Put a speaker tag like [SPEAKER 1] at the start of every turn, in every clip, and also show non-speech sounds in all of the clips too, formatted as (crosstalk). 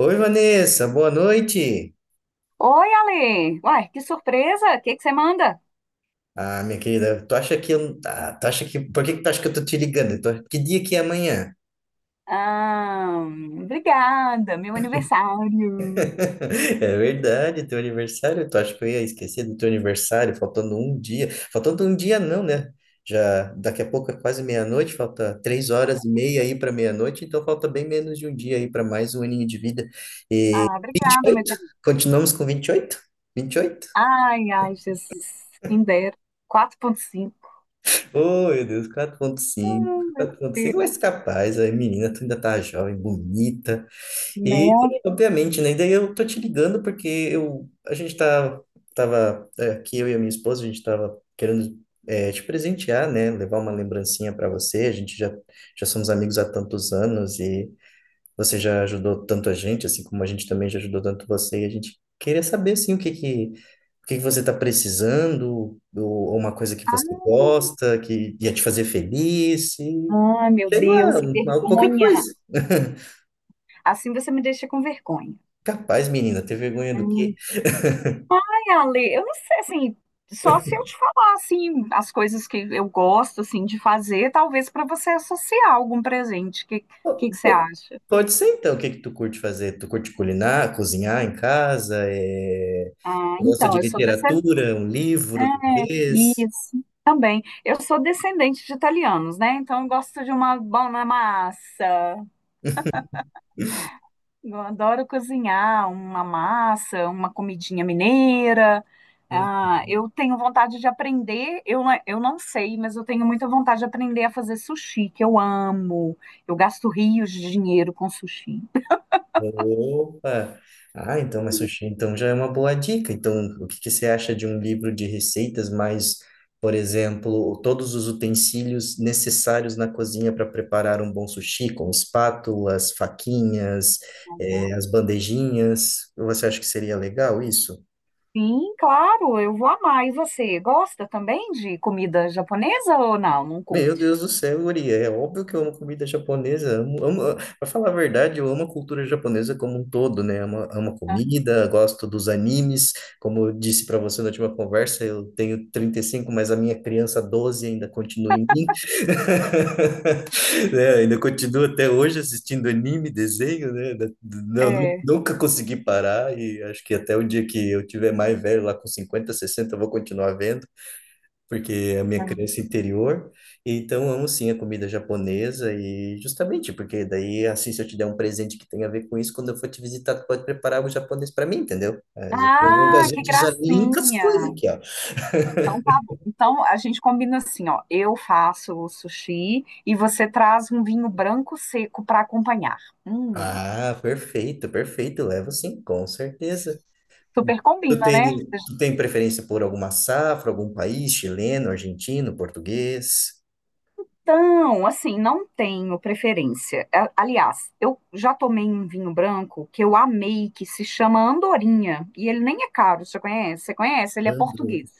[SPEAKER 1] Oi, Vanessa, boa noite.
[SPEAKER 2] Oi, Ale! Uai, que surpresa! O que que você manda?
[SPEAKER 1] Ah, minha querida, tu acha que eu, ah, tu acha que, por que que tu acha que eu tô te ligando? Que dia que é amanhã?
[SPEAKER 2] Ah, obrigada, meu aniversário!
[SPEAKER 1] (laughs) É verdade, teu aniversário, tu acha que eu ia esquecer do teu aniversário, faltando um dia não, né? Já daqui a pouco é quase meia-noite, falta 3 horas e meia aí para meia-noite, então falta bem menos de um dia aí para mais um aninho de vida.
[SPEAKER 2] Ah,
[SPEAKER 1] Vinte e
[SPEAKER 2] obrigada, meu
[SPEAKER 1] oito?
[SPEAKER 2] querido.
[SPEAKER 1] Continuamos com Vinte e oito. 28.
[SPEAKER 2] Ai, ai, Jesus, quem dera. 4.5.
[SPEAKER 1] Oh, meu Deus, quatro ponto
[SPEAKER 2] Ai,
[SPEAKER 1] cinco,
[SPEAKER 2] meu
[SPEAKER 1] 4.5, mas
[SPEAKER 2] Deus.
[SPEAKER 1] capaz, aí, menina, tu ainda tá jovem, bonita, e
[SPEAKER 2] Né?
[SPEAKER 1] obviamente, né, e daí eu tô te ligando porque eu, a gente tá, tava, aqui, eu e a minha esposa, a gente tava querendo te presentear, né, levar uma lembrancinha para você, já somos amigos há tantos anos e você já ajudou tanto a gente, assim como a gente também já ajudou tanto você, e a gente queria saber, assim, o que que você está precisando, ou uma coisa que você gosta, que ia te fazer feliz, e
[SPEAKER 2] Ai, meu
[SPEAKER 1] sei
[SPEAKER 2] Deus,
[SPEAKER 1] lá,
[SPEAKER 2] que
[SPEAKER 1] qualquer
[SPEAKER 2] vergonha.
[SPEAKER 1] coisa. (laughs)
[SPEAKER 2] Assim você me deixa com vergonha.
[SPEAKER 1] Capaz, menina, ter vergonha do quê?
[SPEAKER 2] Hum. Ai, Ale, eu não sei, assim, só se eu te falar, assim, as coisas que eu gosto, assim, de fazer, talvez para você associar algum presente. O que,
[SPEAKER 1] Po-
[SPEAKER 2] que você
[SPEAKER 1] po-
[SPEAKER 2] acha?
[SPEAKER 1] Pode ser, então, o que que tu curte fazer? Tu curte culinar, cozinhar em casa,
[SPEAKER 2] Ah,
[SPEAKER 1] gosta
[SPEAKER 2] então,
[SPEAKER 1] de
[SPEAKER 2] eu sou descendente.
[SPEAKER 1] literatura, um
[SPEAKER 2] É,
[SPEAKER 1] livro, talvez?
[SPEAKER 2] isso, também. Eu sou descendente de italianos, né? Então, eu gosto de uma boa massa. Eu adoro cozinhar uma massa, uma comidinha mineira. Ah, eu tenho vontade de aprender. Eu, não- é, eu não sei, mas eu tenho muita vontade de aprender a fazer sushi, que eu amo. Eu gasto rios de dinheiro com sushi.
[SPEAKER 1] Opa! Ah, então, mas sushi, então já é uma boa dica. Então, o que que você acha de um livro de receitas mais, por exemplo, todos os utensílios necessários na cozinha para preparar um bom sushi, com espátulas, faquinhas, as
[SPEAKER 2] (laughs)
[SPEAKER 1] bandejinhas? Você acha que seria legal isso?
[SPEAKER 2] Sim, claro, eu vou amar. E você, gosta também de comida japonesa ou não? Não
[SPEAKER 1] Meu
[SPEAKER 2] curte?
[SPEAKER 1] Deus do céu, Uri, é óbvio que eu amo comida japonesa. Amo, amo, ah, pra falar a verdade, eu amo a cultura japonesa como um todo, né? Amo, amo a
[SPEAKER 2] Aham,
[SPEAKER 1] comida, gosto dos animes. Como eu disse para você na última conversa, eu tenho 35, mas a minha criança 12 ainda continua em mim, (laughs) né? Ainda continua até hoje assistindo anime, desenho, né? Não,
[SPEAKER 2] é,
[SPEAKER 1] nunca consegui parar e acho que até o dia que eu tiver mais velho, lá com 50, 60, eu vou continuar vendo porque é a minha
[SPEAKER 2] aham.
[SPEAKER 1] crença interior. Então, amo sim a comida japonesa e justamente porque daí, assim, se eu te der um presente que tenha a ver com isso, quando eu for te visitar, tu pode preparar algo japonês para mim, entendeu? A
[SPEAKER 2] Ah, que
[SPEAKER 1] gente já linka as coisas
[SPEAKER 2] gracinha!
[SPEAKER 1] aqui, ó.
[SPEAKER 2] Então tá bom. Então a gente combina assim, ó. Eu faço o sushi e você traz um vinho branco seco para acompanhar. Hum,
[SPEAKER 1] Ah, perfeito, perfeito. Levo sim, com certeza.
[SPEAKER 2] super
[SPEAKER 1] Tu
[SPEAKER 2] combina, né?
[SPEAKER 1] tem, tu tem preferência por alguma safra, algum país, chileno, argentino, português?
[SPEAKER 2] Então, assim, não tenho preferência. Aliás, eu já tomei um vinho branco que eu amei, que se chama Andorinha, e ele nem é caro, você conhece? Você conhece? Ele é português.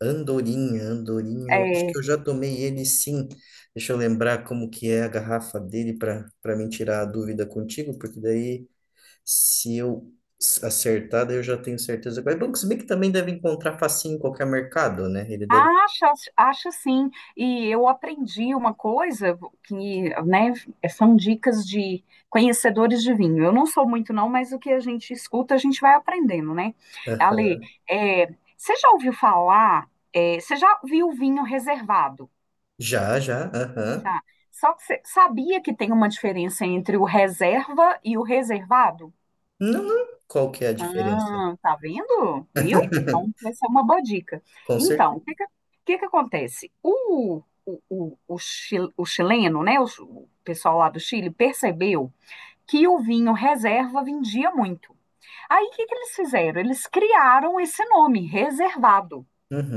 [SPEAKER 1] Andorinha, Andorinha, eu acho
[SPEAKER 2] É,
[SPEAKER 1] que eu já tomei ele sim. Deixa eu lembrar como que é a garrafa dele para me tirar a dúvida contigo, porque daí se eu acertar, daí eu já tenho certeza. Mas é bom, que se bem que também deve encontrar facinho em qualquer mercado, né? Ele deve.
[SPEAKER 2] acho, acho sim. E eu aprendi uma coisa que, né, são dicas de conhecedores de vinho. Eu não sou muito, não, mas o que a gente escuta, a gente vai aprendendo, né? Ale,
[SPEAKER 1] Aham.
[SPEAKER 2] é, você já ouviu falar, é, você já viu vinho reservado,
[SPEAKER 1] Já, já, aham.
[SPEAKER 2] tá? Só que você sabia que tem uma diferença entre o reserva e o reservado?
[SPEAKER 1] Não, não. Qual que é a diferença?
[SPEAKER 2] Ah, tá vendo? Viu? Então,
[SPEAKER 1] (laughs)
[SPEAKER 2] vai ser uma boa dica.
[SPEAKER 1] Com
[SPEAKER 2] Então,
[SPEAKER 1] certeza.
[SPEAKER 2] o que que acontece? O chileno, né? O pessoal lá do Chile percebeu que o vinho reserva vendia muito. Aí, o que que eles fizeram? Eles criaram esse nome, reservado,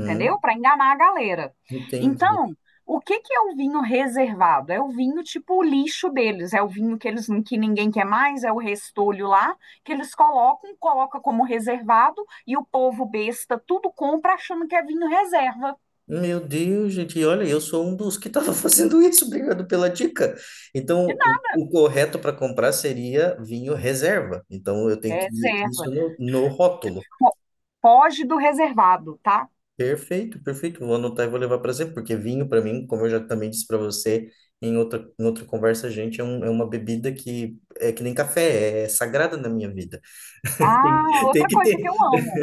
[SPEAKER 2] entendeu? Para enganar a galera.
[SPEAKER 1] Entendi.
[SPEAKER 2] Então, o que que é o vinho reservado? É o vinho tipo o lixo deles, é o vinho que eles que ninguém quer mais, é o restolho lá que eles colocam, coloca como reservado e o povo besta tudo compra achando que é vinho reserva.
[SPEAKER 1] Meu Deus, gente, e olha, eu sou um dos que estava (laughs) fazendo isso, obrigado pela dica. Então,
[SPEAKER 2] De nada,
[SPEAKER 1] o correto para comprar seria vinho reserva. Então, eu
[SPEAKER 2] é
[SPEAKER 1] tenho que ir
[SPEAKER 2] reserva.
[SPEAKER 1] isso no rótulo.
[SPEAKER 2] Fo- Foge do reservado, tá?
[SPEAKER 1] Perfeito, perfeito. Vou anotar e vou levar para sempre, porque vinho, para mim, como eu já também disse para você em outra conversa, gente, é uma bebida que é que nem café, é sagrada na minha vida. (laughs) Tem,
[SPEAKER 2] Ah,
[SPEAKER 1] tem
[SPEAKER 2] outra
[SPEAKER 1] que
[SPEAKER 2] coisa que
[SPEAKER 1] ter.
[SPEAKER 2] eu amo.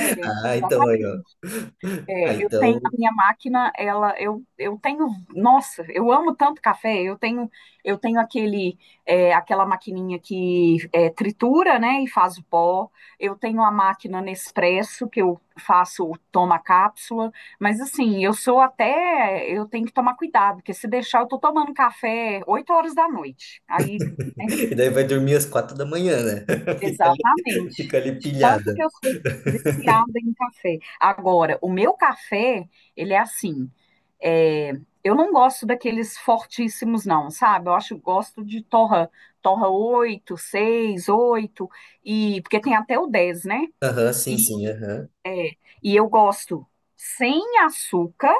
[SPEAKER 2] É,
[SPEAKER 1] Ah, então aí,
[SPEAKER 2] exatamente.
[SPEAKER 1] ó. Ah,
[SPEAKER 2] É, eu
[SPEAKER 1] então.
[SPEAKER 2] tenho a minha máquina, ela, eu tenho, nossa, eu amo tanto café. Eu tenho aquele, é, aquela maquininha que é, tritura, né, e faz o pó. Eu tenho a máquina Nespresso que eu faço, o toma cápsula. Mas assim, eu sou até, eu tenho que tomar cuidado, porque se deixar, eu tô tomando café 8 horas da noite. Aí
[SPEAKER 1] E daí vai dormir às 4 da manhã, né? (laughs) Fica ali, fica
[SPEAKER 2] exatamente.
[SPEAKER 1] ali
[SPEAKER 2] De tanto que
[SPEAKER 1] pilhada.
[SPEAKER 2] eu sou viciada em café. Agora, o meu café, ele é assim. É, eu não gosto daqueles fortíssimos, não, sabe? Eu acho, eu gosto de torra, torra 8 6 8 e, porque tem até o 10 né?
[SPEAKER 1] Aham, sim, sim,
[SPEAKER 2] E,
[SPEAKER 1] aham.
[SPEAKER 2] é, e eu gosto sem açúcar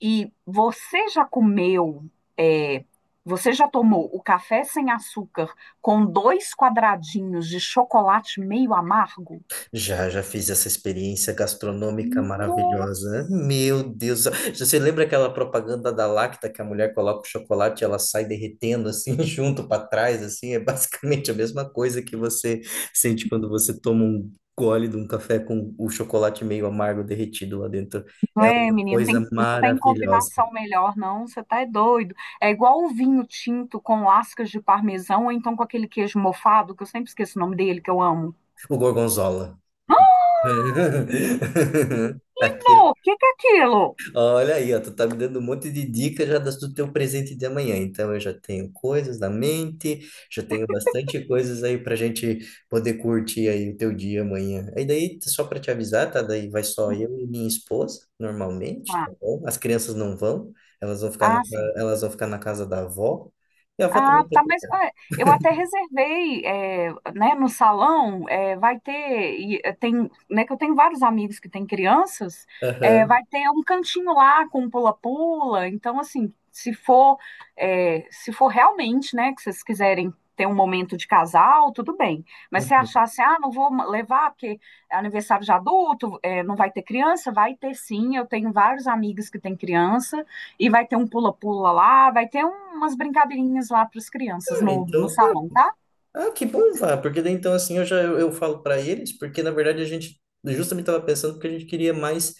[SPEAKER 2] e você já comeu, é, você já tomou o café sem açúcar com dois quadradinhos de chocolate meio amargo?
[SPEAKER 1] Já, já fiz essa experiência gastronômica maravilhosa.
[SPEAKER 2] Nossa,
[SPEAKER 1] Meu Deus do céu. Você lembra aquela propaganda da Lacta que a mulher coloca o chocolate e ela sai derretendo assim, (laughs) junto para trás, assim? É basicamente a mesma coisa que você sente quando você toma um gole de um café com o chocolate meio amargo derretido lá dentro.
[SPEAKER 2] não é, menino?
[SPEAKER 1] Coisa
[SPEAKER 2] Não tem
[SPEAKER 1] maravilhosa.
[SPEAKER 2] combinação melhor, não. Você tá é doido. É igual o vinho tinto com lascas de parmesão, ou então com aquele queijo mofado, que eu sempre esqueço o nome dele, que eu amo.
[SPEAKER 1] O gorgonzola. (laughs) Aquele.
[SPEAKER 2] Não, o que que é aquilo?
[SPEAKER 1] Olha aí, ó, tu tá me dando um monte de dicas já do teu presente de amanhã. Então eu já tenho coisas na mente, já tenho bastante coisas aí pra gente poder curtir aí o teu dia amanhã. Aí daí, só pra te avisar, tá? Daí vai só eu e minha esposa, normalmente, tá
[SPEAKER 2] Ah,
[SPEAKER 1] bom? As crianças não vão,
[SPEAKER 2] ah, sim.
[SPEAKER 1] elas vão ficar na casa da avó. E a avó
[SPEAKER 2] Ah,
[SPEAKER 1] também.
[SPEAKER 2] tá, mas é, eu até reservei, é, né, no salão, é, vai ter, e, é, tem, né, que eu tenho vários amigos que têm crianças, é,
[SPEAKER 1] Aham.
[SPEAKER 2] vai ter um cantinho lá com um pula-pula, então, assim, se for, é, se for realmente, né, que vocês quiserem ter um momento de casal, tudo bem, mas se
[SPEAKER 1] Uhum.
[SPEAKER 2] achar, assim, ah, não vou levar porque é aniversário de adulto, é, não vai ter criança, vai ter sim, eu tenho vários amigos que têm criança, e vai ter um pula-pula lá, vai ter umas brincadeirinhas lá para as crianças
[SPEAKER 1] Ah,
[SPEAKER 2] no, no
[SPEAKER 1] então,
[SPEAKER 2] salão, tá?
[SPEAKER 1] que bom, vá, porque daí então assim eu falo para eles, porque na verdade a gente justamente estava pensando que a gente queria mais.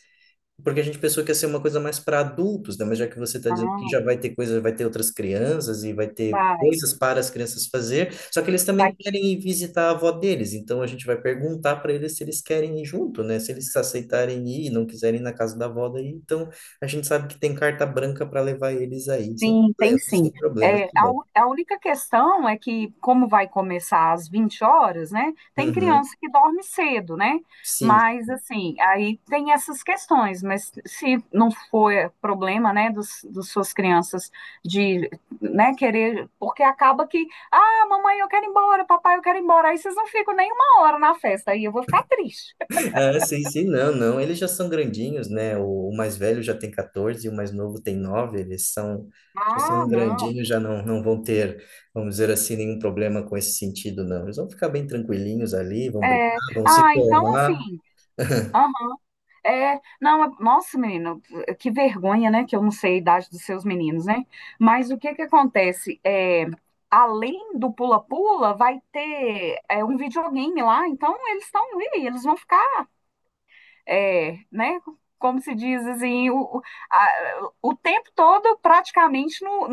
[SPEAKER 1] Porque a gente pensou que ia ser uma coisa mais para adultos, né? Mas já que você está dizendo que
[SPEAKER 2] Ah,
[SPEAKER 1] já vai ter coisas, vai ter outras crianças e vai ter
[SPEAKER 2] vai.
[SPEAKER 1] coisas para as crianças fazer, só que eles
[SPEAKER 2] Vai
[SPEAKER 1] também querem ir visitar a avó deles, então a gente vai perguntar para eles se eles querem ir junto, né? Se eles aceitarem ir e não quiserem ir na casa da avó daí, então a gente sabe que tem carta branca para levar eles aí, sem
[SPEAKER 2] sim, tem
[SPEAKER 1] problema, sem
[SPEAKER 2] sim.
[SPEAKER 1] problema,
[SPEAKER 2] É,
[SPEAKER 1] que bom.
[SPEAKER 2] a única questão é que, como vai começar às 20 horas, né? Tem
[SPEAKER 1] Uhum,
[SPEAKER 2] criança que dorme cedo, né?
[SPEAKER 1] sim.
[SPEAKER 2] Mas, assim, aí tem essas questões. Mas se não for problema, né, dos suas crianças de, né, querer. Porque acaba que, ah, mamãe, eu quero ir embora, papai, eu quero ir embora. Aí vocês não ficam nem 1 hora na festa, aí eu vou ficar triste.
[SPEAKER 1] É, sim, sim, não, não. Eles já são grandinhos, né? O mais velho já tem 14 e o mais novo tem 9. Eles são, já
[SPEAKER 2] Ah,
[SPEAKER 1] são
[SPEAKER 2] não.
[SPEAKER 1] grandinhos, já não, não vão ter, vamos dizer assim, nenhum problema com esse sentido, não. Eles vão ficar bem tranquilinhos ali, vão brincar,
[SPEAKER 2] É,
[SPEAKER 1] vão se
[SPEAKER 2] ah, então, assim.
[SPEAKER 1] formar.
[SPEAKER 2] É, não, é- nossa, menino, que vergonha, né? Que eu não sei a idade dos seus meninos, né? Mas o que que acontece? É, além do pula-pula, vai ter é, um videogame lá, então eles estão ali, eles vão ficar, é, né? Como se diz assim, o tempo todo praticamente no,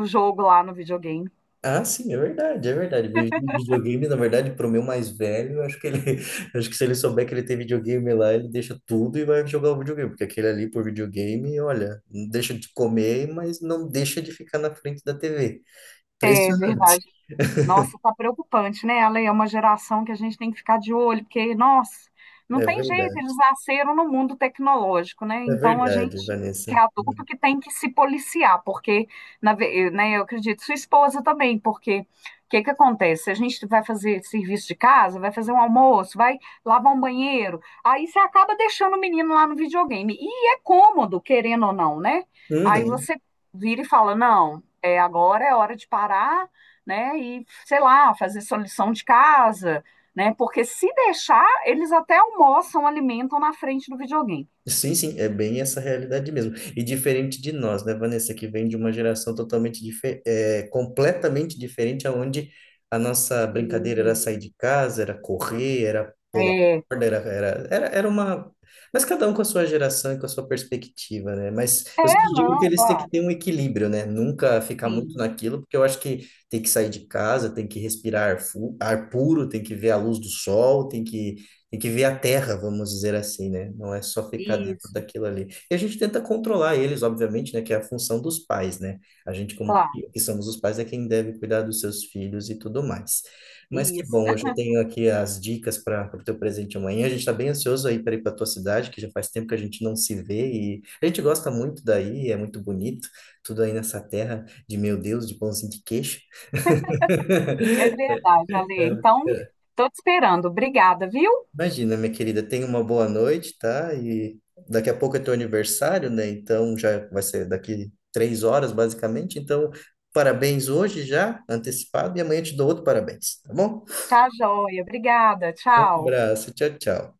[SPEAKER 2] no jogo lá no videogame.
[SPEAKER 1] Ah, sim, é verdade, é verdade. Videogame, na verdade, para o meu mais velho, eu acho que ele, (laughs) acho que se ele souber que ele tem videogame lá, ele deixa tudo e vai jogar o videogame, porque aquele ali por videogame, olha, não deixa de comer, mas não deixa de ficar na frente da TV.
[SPEAKER 2] É
[SPEAKER 1] Impressionante.
[SPEAKER 2] verdade. Nossa, tá preocupante, né, Ale? É uma geração que a gente tem que ficar de olho, porque, nossa, não
[SPEAKER 1] É
[SPEAKER 2] tem jeito, eles
[SPEAKER 1] verdade.
[SPEAKER 2] nasceram no mundo tecnológico, né?
[SPEAKER 1] É
[SPEAKER 2] Então a
[SPEAKER 1] verdade,
[SPEAKER 2] gente que é
[SPEAKER 1] Vanessa.
[SPEAKER 2] adulto que tem que se policiar, porque, né, eu acredito, sua esposa também, porque o que que acontece? A gente vai fazer serviço de casa, vai fazer um almoço, vai lavar um banheiro, aí você acaba deixando o menino lá no videogame. E é cômodo, querendo ou não, né? Aí
[SPEAKER 1] Uhum.
[SPEAKER 2] você vira e fala, não, é, agora é hora de parar né? E, sei lá, fazer sua lição de casa, né? Porque se deixar, eles até almoçam, alimentam na frente do videogame.
[SPEAKER 1] Sim, sim, é bem essa realidade mesmo. E diferente de nós, né, Vanessa, que vem de uma geração totalmente completamente diferente, aonde a nossa brincadeira era
[SPEAKER 2] Sim.
[SPEAKER 1] sair de casa, era correr, era pular
[SPEAKER 2] É, é,
[SPEAKER 1] corda, era uma. Mas cada um com a sua geração e com a sua perspectiva, né? Mas eu sempre digo que
[SPEAKER 2] não,
[SPEAKER 1] eles têm que
[SPEAKER 2] claro,
[SPEAKER 1] ter um equilíbrio, né? Nunca ficar muito
[SPEAKER 2] sim,
[SPEAKER 1] naquilo, porque eu acho que tem que sair de casa, tem que respirar ar, ar puro, tem que ver a luz do sol, tem que ver a terra, vamos dizer assim, né? Não é só ficar dentro
[SPEAKER 2] isso,
[SPEAKER 1] daquilo ali. E a gente tenta controlar eles, obviamente, né? Que é a função dos pais, né? A gente, como
[SPEAKER 2] claro,
[SPEAKER 1] que somos os pais, é quem deve cuidar dos seus filhos e tudo mais. Mas que
[SPEAKER 2] isso.
[SPEAKER 1] bom, eu
[SPEAKER 2] (laughs)
[SPEAKER 1] já tenho aqui as dicas para o teu presente amanhã. A gente está bem ansioso aí para ir para tua cidade, que já faz tempo que a gente não se vê e a gente gosta muito daí, é muito bonito, tudo aí nessa terra de meu Deus, de pãozinho de queijo.
[SPEAKER 2] É
[SPEAKER 1] (laughs)
[SPEAKER 2] verdade, Ale. Então, tô te esperando. Obrigada, viu?
[SPEAKER 1] Imagina, minha querida, tenha uma boa noite, tá? E daqui a pouco é teu aniversário, né? Então já vai ser daqui 3 horas, basicamente. Então, parabéns hoje já, antecipado, e amanhã eu te dou outro parabéns, tá bom?
[SPEAKER 2] Tá joia, obrigada,
[SPEAKER 1] Um
[SPEAKER 2] tchau.
[SPEAKER 1] abraço, tchau, tchau.